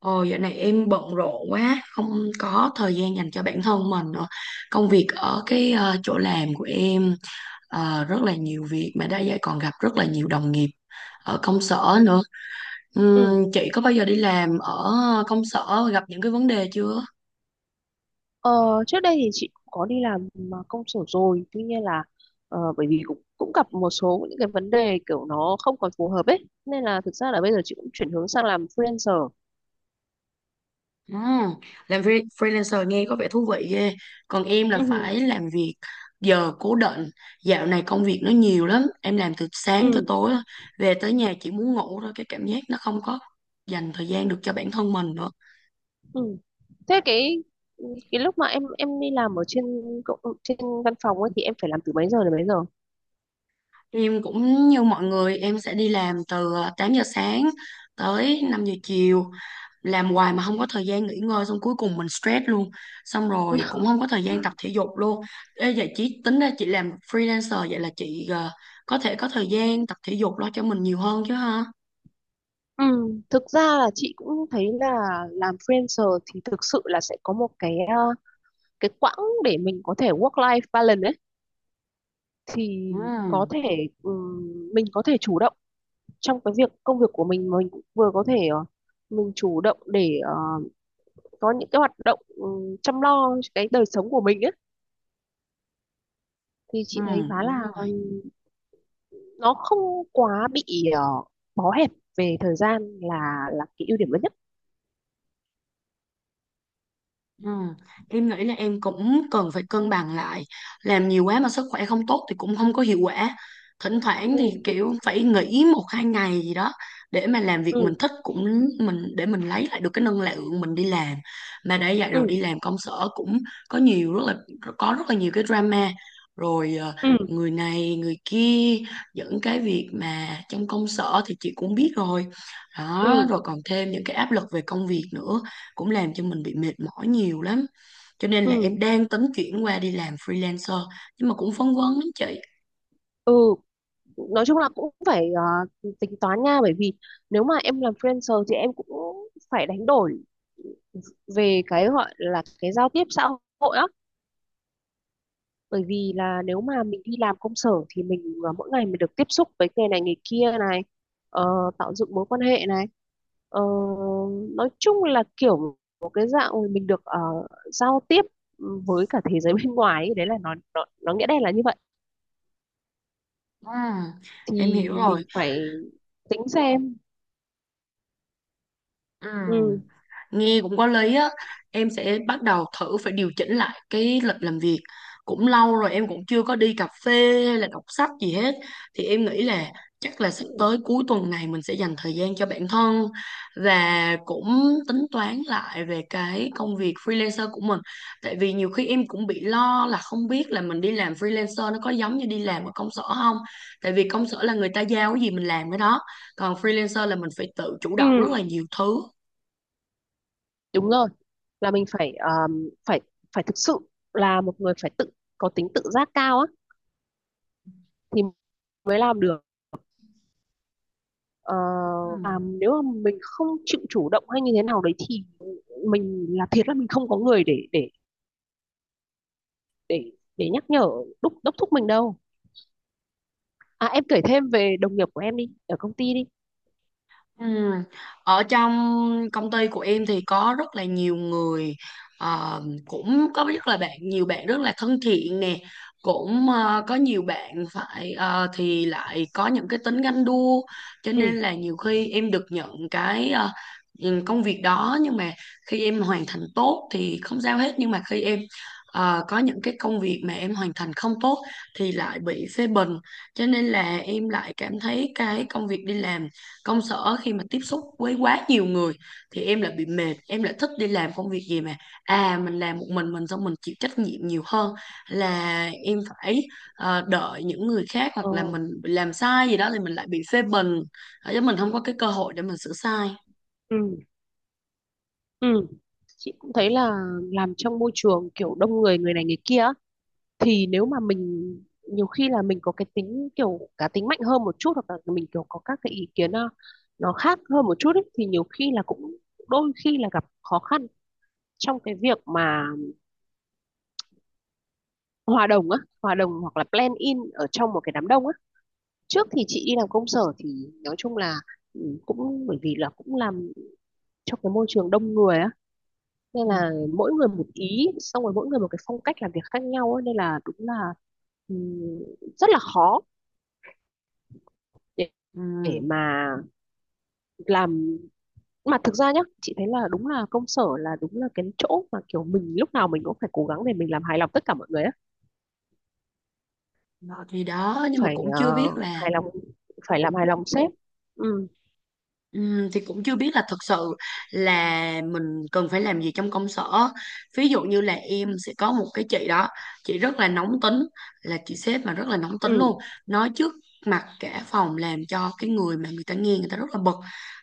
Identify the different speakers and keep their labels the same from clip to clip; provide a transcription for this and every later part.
Speaker 1: Ồ, dạo này em bận rộn quá, không có thời gian dành cho bản thân mình nữa. Công việc ở cái chỗ làm của em rất là nhiều việc mà đã vậy còn gặp rất là nhiều đồng nghiệp ở công sở nữa.
Speaker 2: Ừ.
Speaker 1: Chị có bao giờ đi làm ở công sở gặp những cái vấn đề chưa?
Speaker 2: Ờ, trước đây thì chị cũng có đi làm mà công sở rồi, tuy nhiên là bởi vì cũng cũng gặp một số những cái vấn đề kiểu nó không còn phù hợp ấy, nên là thực ra là bây giờ chị cũng chuyển hướng sang làm freelancer.
Speaker 1: Ừ, làm freelancer nghe có vẻ thú vị ghê. Còn em là phải
Speaker 2: Ừ.
Speaker 1: làm việc giờ cố định. Dạo này công việc nó nhiều lắm. Em làm từ sáng tới
Speaker 2: Ừ.
Speaker 1: tối, á. Về tới nhà chỉ muốn ngủ thôi. Cái cảm giác nó không có dành thời gian được cho bản thân mình nữa.
Speaker 2: Ừ. Thế cái lúc mà em đi làm ở trên trên văn phòng ấy thì em phải làm từ mấy giờ đến mấy giờ?
Speaker 1: Em cũng như mọi người, em sẽ đi làm từ 8 giờ sáng tới 5 giờ chiều. Làm hoài mà không có thời gian nghỉ ngơi xong cuối cùng mình stress luôn. Xong rồi cũng không có thời gian tập thể dục luôn. Ê, vậy chị tính ra chị làm freelancer vậy là chị có thể có thời gian tập thể dục lo cho mình nhiều hơn chứ ha?
Speaker 2: Ừ, thực ra là chị cũng thấy là làm freelancer thì thực sự là sẽ có một cái quãng để mình có thể work life balance ấy. Thì có
Speaker 1: Ừ,
Speaker 2: thể mình có thể chủ động trong cái việc công việc của mình, mà mình cũng vừa có thể mình chủ động để có những cái hoạt động chăm lo cái đời sống của mình ấy, thì
Speaker 1: ừ.
Speaker 2: chị thấy khá là
Speaker 1: Đúng rồi.
Speaker 2: nó không quá bị ờ, bó hẹp về thời gian là cái ưu điểm lớn nhất.
Speaker 1: Ừ. Em nghĩ là em cũng cần phải cân bằng lại, làm nhiều quá mà sức khỏe không tốt thì cũng không có hiệu quả. Thỉnh thoảng thì
Speaker 2: Ừ.
Speaker 1: kiểu phải nghỉ một hai ngày gì đó để mà làm việc mình
Speaker 2: Ừ.
Speaker 1: thích cũng, mình để mình lấy lại được cái năng lượng mình đi làm. Mà đã vậy rồi
Speaker 2: Ừ.
Speaker 1: đi làm công sở cũng có nhiều rất là có rất là nhiều cái drama, rồi
Speaker 2: Ừ.
Speaker 1: người này người kia, dẫn cái việc mà trong công sở thì chị cũng biết rồi đó,
Speaker 2: Ừ.
Speaker 1: rồi còn thêm những cái áp lực về công việc nữa, cũng làm cho mình bị mệt mỏi nhiều lắm, cho nên là
Speaker 2: Ừ.
Speaker 1: em đang tính chuyển qua đi làm freelancer, nhưng mà cũng phân vân lắm chị.
Speaker 2: Ừ. Nói chung là cũng phải tính toán nha, bởi vì nếu mà em làm freelancer thì em cũng phải đánh đổi về cái gọi là cái giao tiếp xã hội á, bởi vì là nếu mà mình đi làm công sở thì mình mỗi ngày mình được tiếp xúc với người này người kia này, ờ, tạo dựng mối quan hệ này. Ờ, nói chung là kiểu một cái dạng mình được giao tiếp với cả thế giới bên ngoài ấy. Đấy là nó nghĩa đen là như vậy,
Speaker 1: Ừ, em
Speaker 2: thì
Speaker 1: hiểu rồi.
Speaker 2: mình phải tính xem.
Speaker 1: Ừ.
Speaker 2: Ừ.
Speaker 1: Nghe cũng có lý á, em sẽ bắt đầu thử phải điều chỉnh lại cái lịch làm việc. Cũng lâu rồi em cũng chưa có đi cà phê hay là đọc sách gì hết. Thì em nghĩ là chắc là sắp tới cuối tuần này mình sẽ dành thời gian cho bản thân và cũng tính toán lại về cái công việc freelancer của mình. Tại vì nhiều khi em cũng bị lo là không biết là mình đi làm freelancer nó có giống như đi làm ở công sở không. Tại vì công sở là người ta giao cái gì mình làm cái đó. Còn freelancer là mình phải tự chủ động rất
Speaker 2: Ừ.
Speaker 1: là nhiều thứ.
Speaker 2: Đúng rồi. Là mình phải phải phải thực sự là một người phải tự có tính tự giác cao á, thì mới làm được. ờ,
Speaker 1: Ừ.
Speaker 2: và nếu mà mình không chịu chủ động hay như thế nào đấy, thì mình là thiệt là mình không có người để để nhắc nhở, đốc đốc thúc mình đâu. À, em kể thêm về đồng nghiệp của em đi, ở công ty đi.
Speaker 1: Ừ. Ở trong công ty của em thì có rất là nhiều người, cũng có rất là bạn nhiều bạn rất là thân thiện nè, cũng có nhiều bạn phải thì lại có những cái tính ganh đua, cho nên
Speaker 2: Ừ.
Speaker 1: là nhiều khi em được nhận cái công việc đó, nhưng mà khi em hoàn thành tốt thì không sao hết, nhưng mà khi em có những cái công việc mà em hoàn thành không tốt thì lại bị phê bình. Cho nên là em lại cảm thấy cái công việc đi làm công sở khi mà tiếp xúc với quá nhiều người thì em lại bị mệt, em lại thích đi làm công việc gì mà mình làm một mình, xong mình chịu trách nhiệm nhiều hơn là em phải đợi những người khác, hoặc
Speaker 2: ờ,
Speaker 1: là mình bị làm sai gì đó thì mình lại bị phê bình. Chứ mình không có cái cơ hội để mình sửa sai.
Speaker 2: ừ. Ừ. Chị cũng thấy là làm trong môi trường kiểu đông người, người này người kia á, thì nếu mà mình nhiều khi là mình có cái tính kiểu cá tính mạnh hơn một chút, hoặc là mình kiểu có các cái ý kiến nó khác hơn một chút ấy, thì nhiều khi là cũng đôi khi là gặp khó khăn trong cái việc mà hòa đồng á, hòa đồng hoặc là blend in ở trong một cái đám đông á. Trước thì chị đi làm công sở thì nói chung là cũng bởi vì là cũng làm trong cái môi trường đông người á, nên
Speaker 1: Ừ.
Speaker 2: là mỗi người một ý, xong rồi mỗi người một cái phong cách làm việc khác nhau á, nên là đúng là ừ, rất là khó để,
Speaker 1: Ừ.
Speaker 2: để mà làm. Mà thực ra nhá, chị thấy là đúng là công sở là đúng là cái chỗ mà kiểu mình lúc nào mình cũng phải cố gắng để mình làm hài lòng tất cả mọi người á.
Speaker 1: Đó, thì đó, nhưng mà
Speaker 2: Phải
Speaker 1: cũng chưa biết là,
Speaker 2: hài lòng, phải làm hài lòng sếp. Ừ.
Speaker 1: thì cũng chưa biết là thật sự là mình cần phải làm gì trong công sở. Ví dụ như là em sẽ có một cái chị đó, chị rất là nóng tính, là chị sếp mà rất là nóng
Speaker 2: Ừ.
Speaker 1: tính luôn, nói trước mặt cả phòng, làm cho cái người mà người ta nghe, người ta rất là bực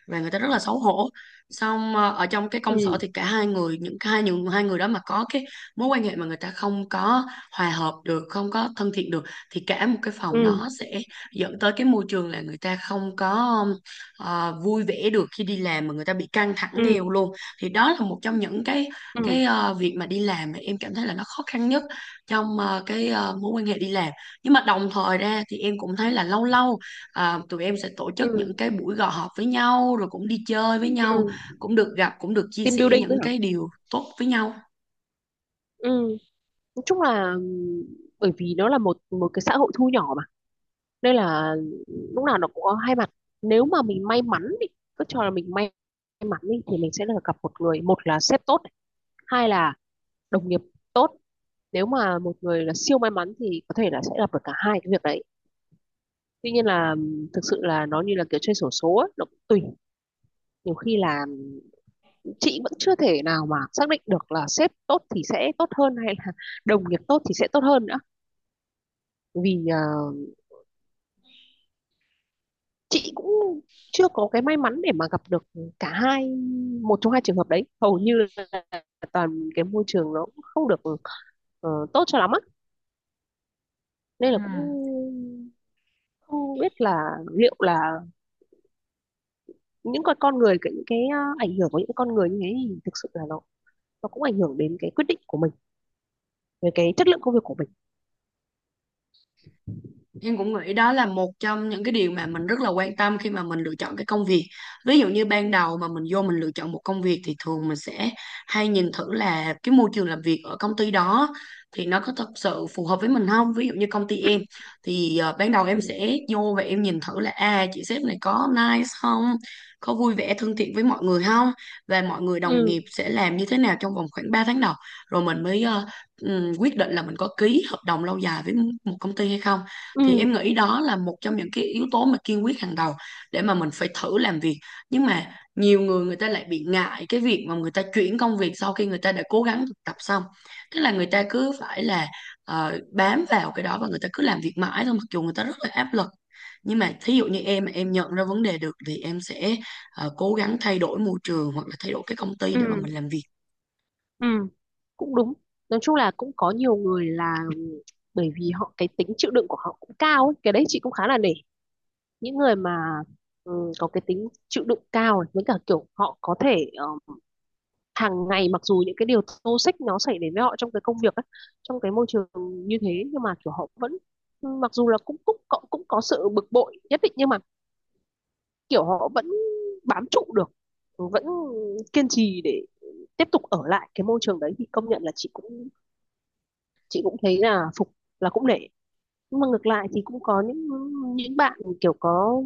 Speaker 1: và người ta rất là xấu hổ. Xong ở trong cái
Speaker 2: Ừ.
Speaker 1: công sở thì cả hai người, những cái hai những hai người đó mà có cái mối quan hệ mà người ta không có hòa hợp được, không có thân thiện được, thì cả một cái phòng
Speaker 2: Ừ.
Speaker 1: nó sẽ dẫn tới cái môi trường là người ta không có vui vẻ được khi đi làm, mà người ta bị căng thẳng
Speaker 2: Ừ.
Speaker 1: theo luôn. Thì đó là một trong những cái
Speaker 2: Ừ.
Speaker 1: cái ờ, việc mà đi làm mà em cảm thấy là nó khó khăn nhất trong cái mối quan hệ đi làm. Nhưng mà đồng thời ra thì em cũng thấy là lâu lâu tụi em sẽ tổ chức
Speaker 2: Ừ.
Speaker 1: những cái buổi họp với nhau rồi cũng đi chơi với
Speaker 2: Ừ.
Speaker 1: nhau, cũng được gặp, cũng được chia
Speaker 2: Team
Speaker 1: sẻ
Speaker 2: building nữa
Speaker 1: những
Speaker 2: hả?
Speaker 1: cái điều tốt với nhau.
Speaker 2: Ừ, nói chung là bởi vì nó là một một cái xã hội thu nhỏ mà, nên là lúc nào nó cũng có hai mặt. Nếu mà mình may mắn đi, cứ cho là mình may mắn đi thì mình sẽ được gặp một người, một là sếp tốt này, hai là đồng nghiệp tốt. Nếu mà một người là siêu may mắn thì có thể là sẽ gặp được cả hai cái việc đấy. Tuy nhiên là thực sự là nó như là kiểu chơi xổ số ấy, nó cũng tùy. Nhiều khi là chị vẫn chưa thể nào mà xác định được là sếp tốt thì sẽ tốt hơn hay là đồng nghiệp tốt thì sẽ tốt hơn nữa. Vì chị cũng chưa có cái may mắn để mà gặp được cả hai, một trong hai trường hợp đấy, hầu như là toàn cái môi trường nó cũng không được tốt cho lắm á,
Speaker 1: Ừ.
Speaker 2: nên là cũng không biết là liệu là những con người, cái những cái ờ, ảnh hưởng của những con người như thế thì thực sự là nó cũng ảnh hưởng đến cái quyết định của mình, về cái chất lượng công việc của mình.
Speaker 1: Em cũng nghĩ đó là một trong những cái điều mà mình rất là quan tâm khi mà mình lựa chọn cái công việc. Ví dụ như ban đầu mà mình vô mình lựa chọn một công việc thì thường mình sẽ hay nhìn thử là cái môi trường làm việc ở công ty đó thì nó có thật sự phù hợp với mình không? Ví dụ như công ty em thì ban đầu em sẽ vô và em nhìn thử là chị sếp này có nice không? Có vui vẻ thân thiện với mọi người không? Và mọi người đồng nghiệp sẽ làm như thế nào trong vòng khoảng 3 tháng đầu, rồi mình mới quyết định là mình có ký hợp đồng lâu dài với một công ty hay không. Thì
Speaker 2: Ừ.
Speaker 1: em nghĩ đó là một trong những cái yếu tố mà kiên quyết hàng đầu để mà mình phải thử làm việc. Nhưng mà nhiều người, người ta lại bị ngại cái việc mà người ta chuyển công việc sau khi người ta đã cố gắng thực tập xong, tức là người ta cứ phải là bám vào cái đó và người ta cứ làm việc mãi thôi, mặc dù người ta rất là áp lực. Nhưng mà thí dụ như em, mà em nhận ra vấn đề được, thì em sẽ cố gắng thay đổi môi trường hoặc là thay đổi cái công ty để mà mình
Speaker 2: Ừ.
Speaker 1: làm việc.
Speaker 2: Ừ. Cũng đúng. Nói chung là cũng có nhiều người là bởi vì họ cái tính chịu đựng của họ cũng cao ấy. Cái đấy chị cũng khá là nể những người mà có cái tính chịu đựng cao này, với cả kiểu họ có thể hàng ngày, mặc dù những cái điều toxic nó xảy đến với họ trong cái công việc ấy, trong cái môi trường như thế, nhưng mà kiểu họ vẫn, mặc dù là cũng có sự bực bội nhất định, nhưng mà kiểu họ vẫn bám trụ được, vẫn kiên trì để tiếp tục ở lại cái môi trường đấy, thì công nhận là chị cũng thấy là phục, là cũng nể. Nhưng mà ngược lại thì cũng có những bạn kiểu có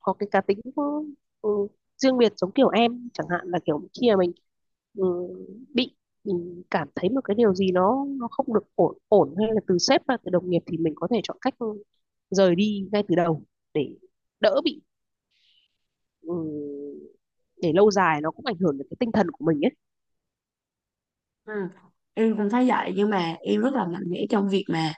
Speaker 2: có cái cá tính có, ừ, riêng biệt, giống kiểu em chẳng hạn, là kiểu khi mà mình ừ, bị, mình cảm thấy một cái điều gì nó không được ổn ổn, hay là từ sếp hay là từ đồng nghiệp, thì mình có thể chọn cách rời đi ngay từ đầu, để đỡ bị, ừ, để lâu dài nó cũng ảnh hưởng đến cái tinh thần của mình ấy.
Speaker 1: Ừ. Em cũng thấy vậy, nhưng mà em rất là mạnh mẽ trong việc mà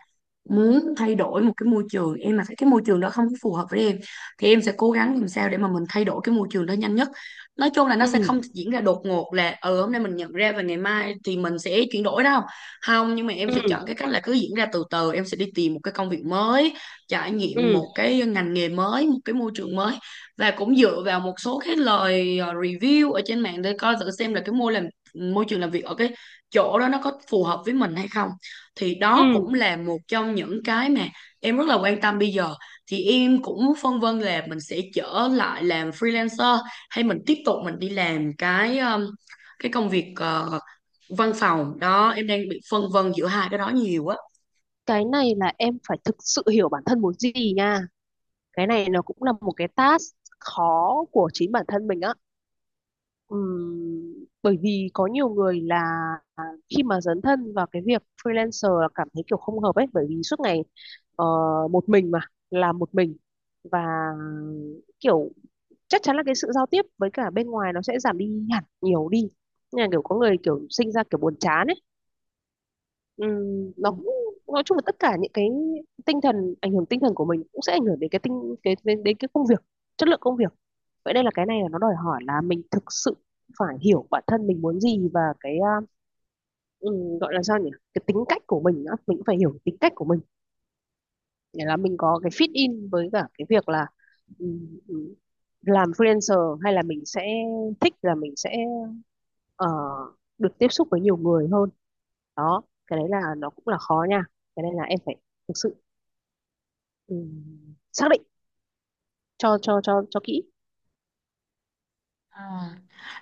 Speaker 1: muốn thay đổi một cái môi trường. Em mà thấy cái môi trường đó không có phù hợp với em thì em sẽ cố gắng làm sao để mà mình thay đổi cái môi trường đó nhanh nhất. Nói chung là nó sẽ
Speaker 2: Ừ.
Speaker 1: không diễn ra đột ngột là ừ hôm nay mình nhận ra và ngày mai thì mình sẽ chuyển đổi đâu, không, nhưng mà em sẽ
Speaker 2: Ừ.
Speaker 1: chọn cái cách là cứ diễn ra từ từ. Em sẽ đi tìm một cái công việc mới, trải nghiệm
Speaker 2: Ừ.
Speaker 1: một cái ngành nghề mới, một cái môi trường mới, và cũng dựa vào một số cái lời review ở trên mạng để coi thử xem là cái môi trường làm việc ở cái chỗ đó nó có phù hợp với mình hay không. Thì đó
Speaker 2: Ừ.
Speaker 1: cũng là một trong những cái mà em rất là quan tâm bây giờ. Thì em cũng phân vân là mình sẽ trở lại làm freelancer hay mình tiếp tục mình đi làm cái công việc văn phòng đó. Em đang bị phân vân giữa hai cái đó nhiều á.
Speaker 2: Cái này là em phải thực sự hiểu bản thân muốn gì nha. Cái này nó cũng là một cái task khó của chính bản thân mình á. Ừm, Bởi vì có nhiều người là khi mà dấn thân vào cái việc freelancer là cảm thấy kiểu không hợp ấy, bởi vì suốt ngày ờ, một mình, mà làm một mình, và kiểu chắc chắn là cái sự giao tiếp với cả bên ngoài nó sẽ giảm đi hẳn, nhiều đi. Nên là kiểu có người kiểu sinh ra kiểu buồn chán ấy.
Speaker 1: Ừ.
Speaker 2: Nó cũng, nói chung là tất cả những cái tinh thần, ảnh hưởng tinh thần của mình cũng sẽ ảnh hưởng đến cái tinh cái đến cái công việc, chất lượng công việc. Vậy đây là cái này là nó đòi hỏi là mình thực sự phải hiểu bản thân mình muốn gì, và cái gọi là sao nhỉ, cái tính cách của mình nữa, mình cũng phải hiểu tính cách của mình, để là mình có cái fit in với cả cái việc là ừm, làm freelancer, hay là mình sẽ thích là mình sẽ ờ, được tiếp xúc với nhiều người hơn đó. Cái đấy là nó cũng là khó nha, cái này là em phải thực sự xác định cho kỹ.
Speaker 1: À.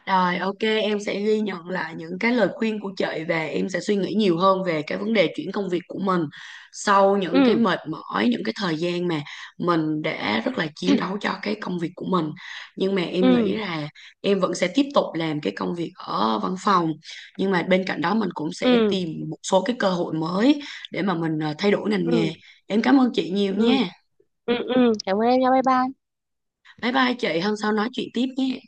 Speaker 1: Rồi, ok, em sẽ ghi nhận lại những cái lời khuyên của chị và em sẽ suy nghĩ nhiều hơn về cái vấn đề chuyển công việc của mình sau những cái
Speaker 2: Ừ.
Speaker 1: mệt mỏi, những cái thời gian mà mình đã rất là chiến đấu cho cái công việc của mình. Nhưng mà em
Speaker 2: Ừ.
Speaker 1: nghĩ là em vẫn sẽ tiếp tục làm cái công việc ở văn phòng. Nhưng mà bên cạnh đó mình cũng
Speaker 2: Ừ.
Speaker 1: sẽ
Speaker 2: Ừ.
Speaker 1: tìm một số cái cơ hội mới để mà mình thay đổi ngành
Speaker 2: Ừ.
Speaker 1: nghề. Em cảm ơn chị nhiều
Speaker 2: Ừ.
Speaker 1: nha.
Speaker 2: Ừ. Ừ. Cảm ơn em nha, bye bye.
Speaker 1: Bye bye chị, hôm sau nói chuyện tiếp nhé.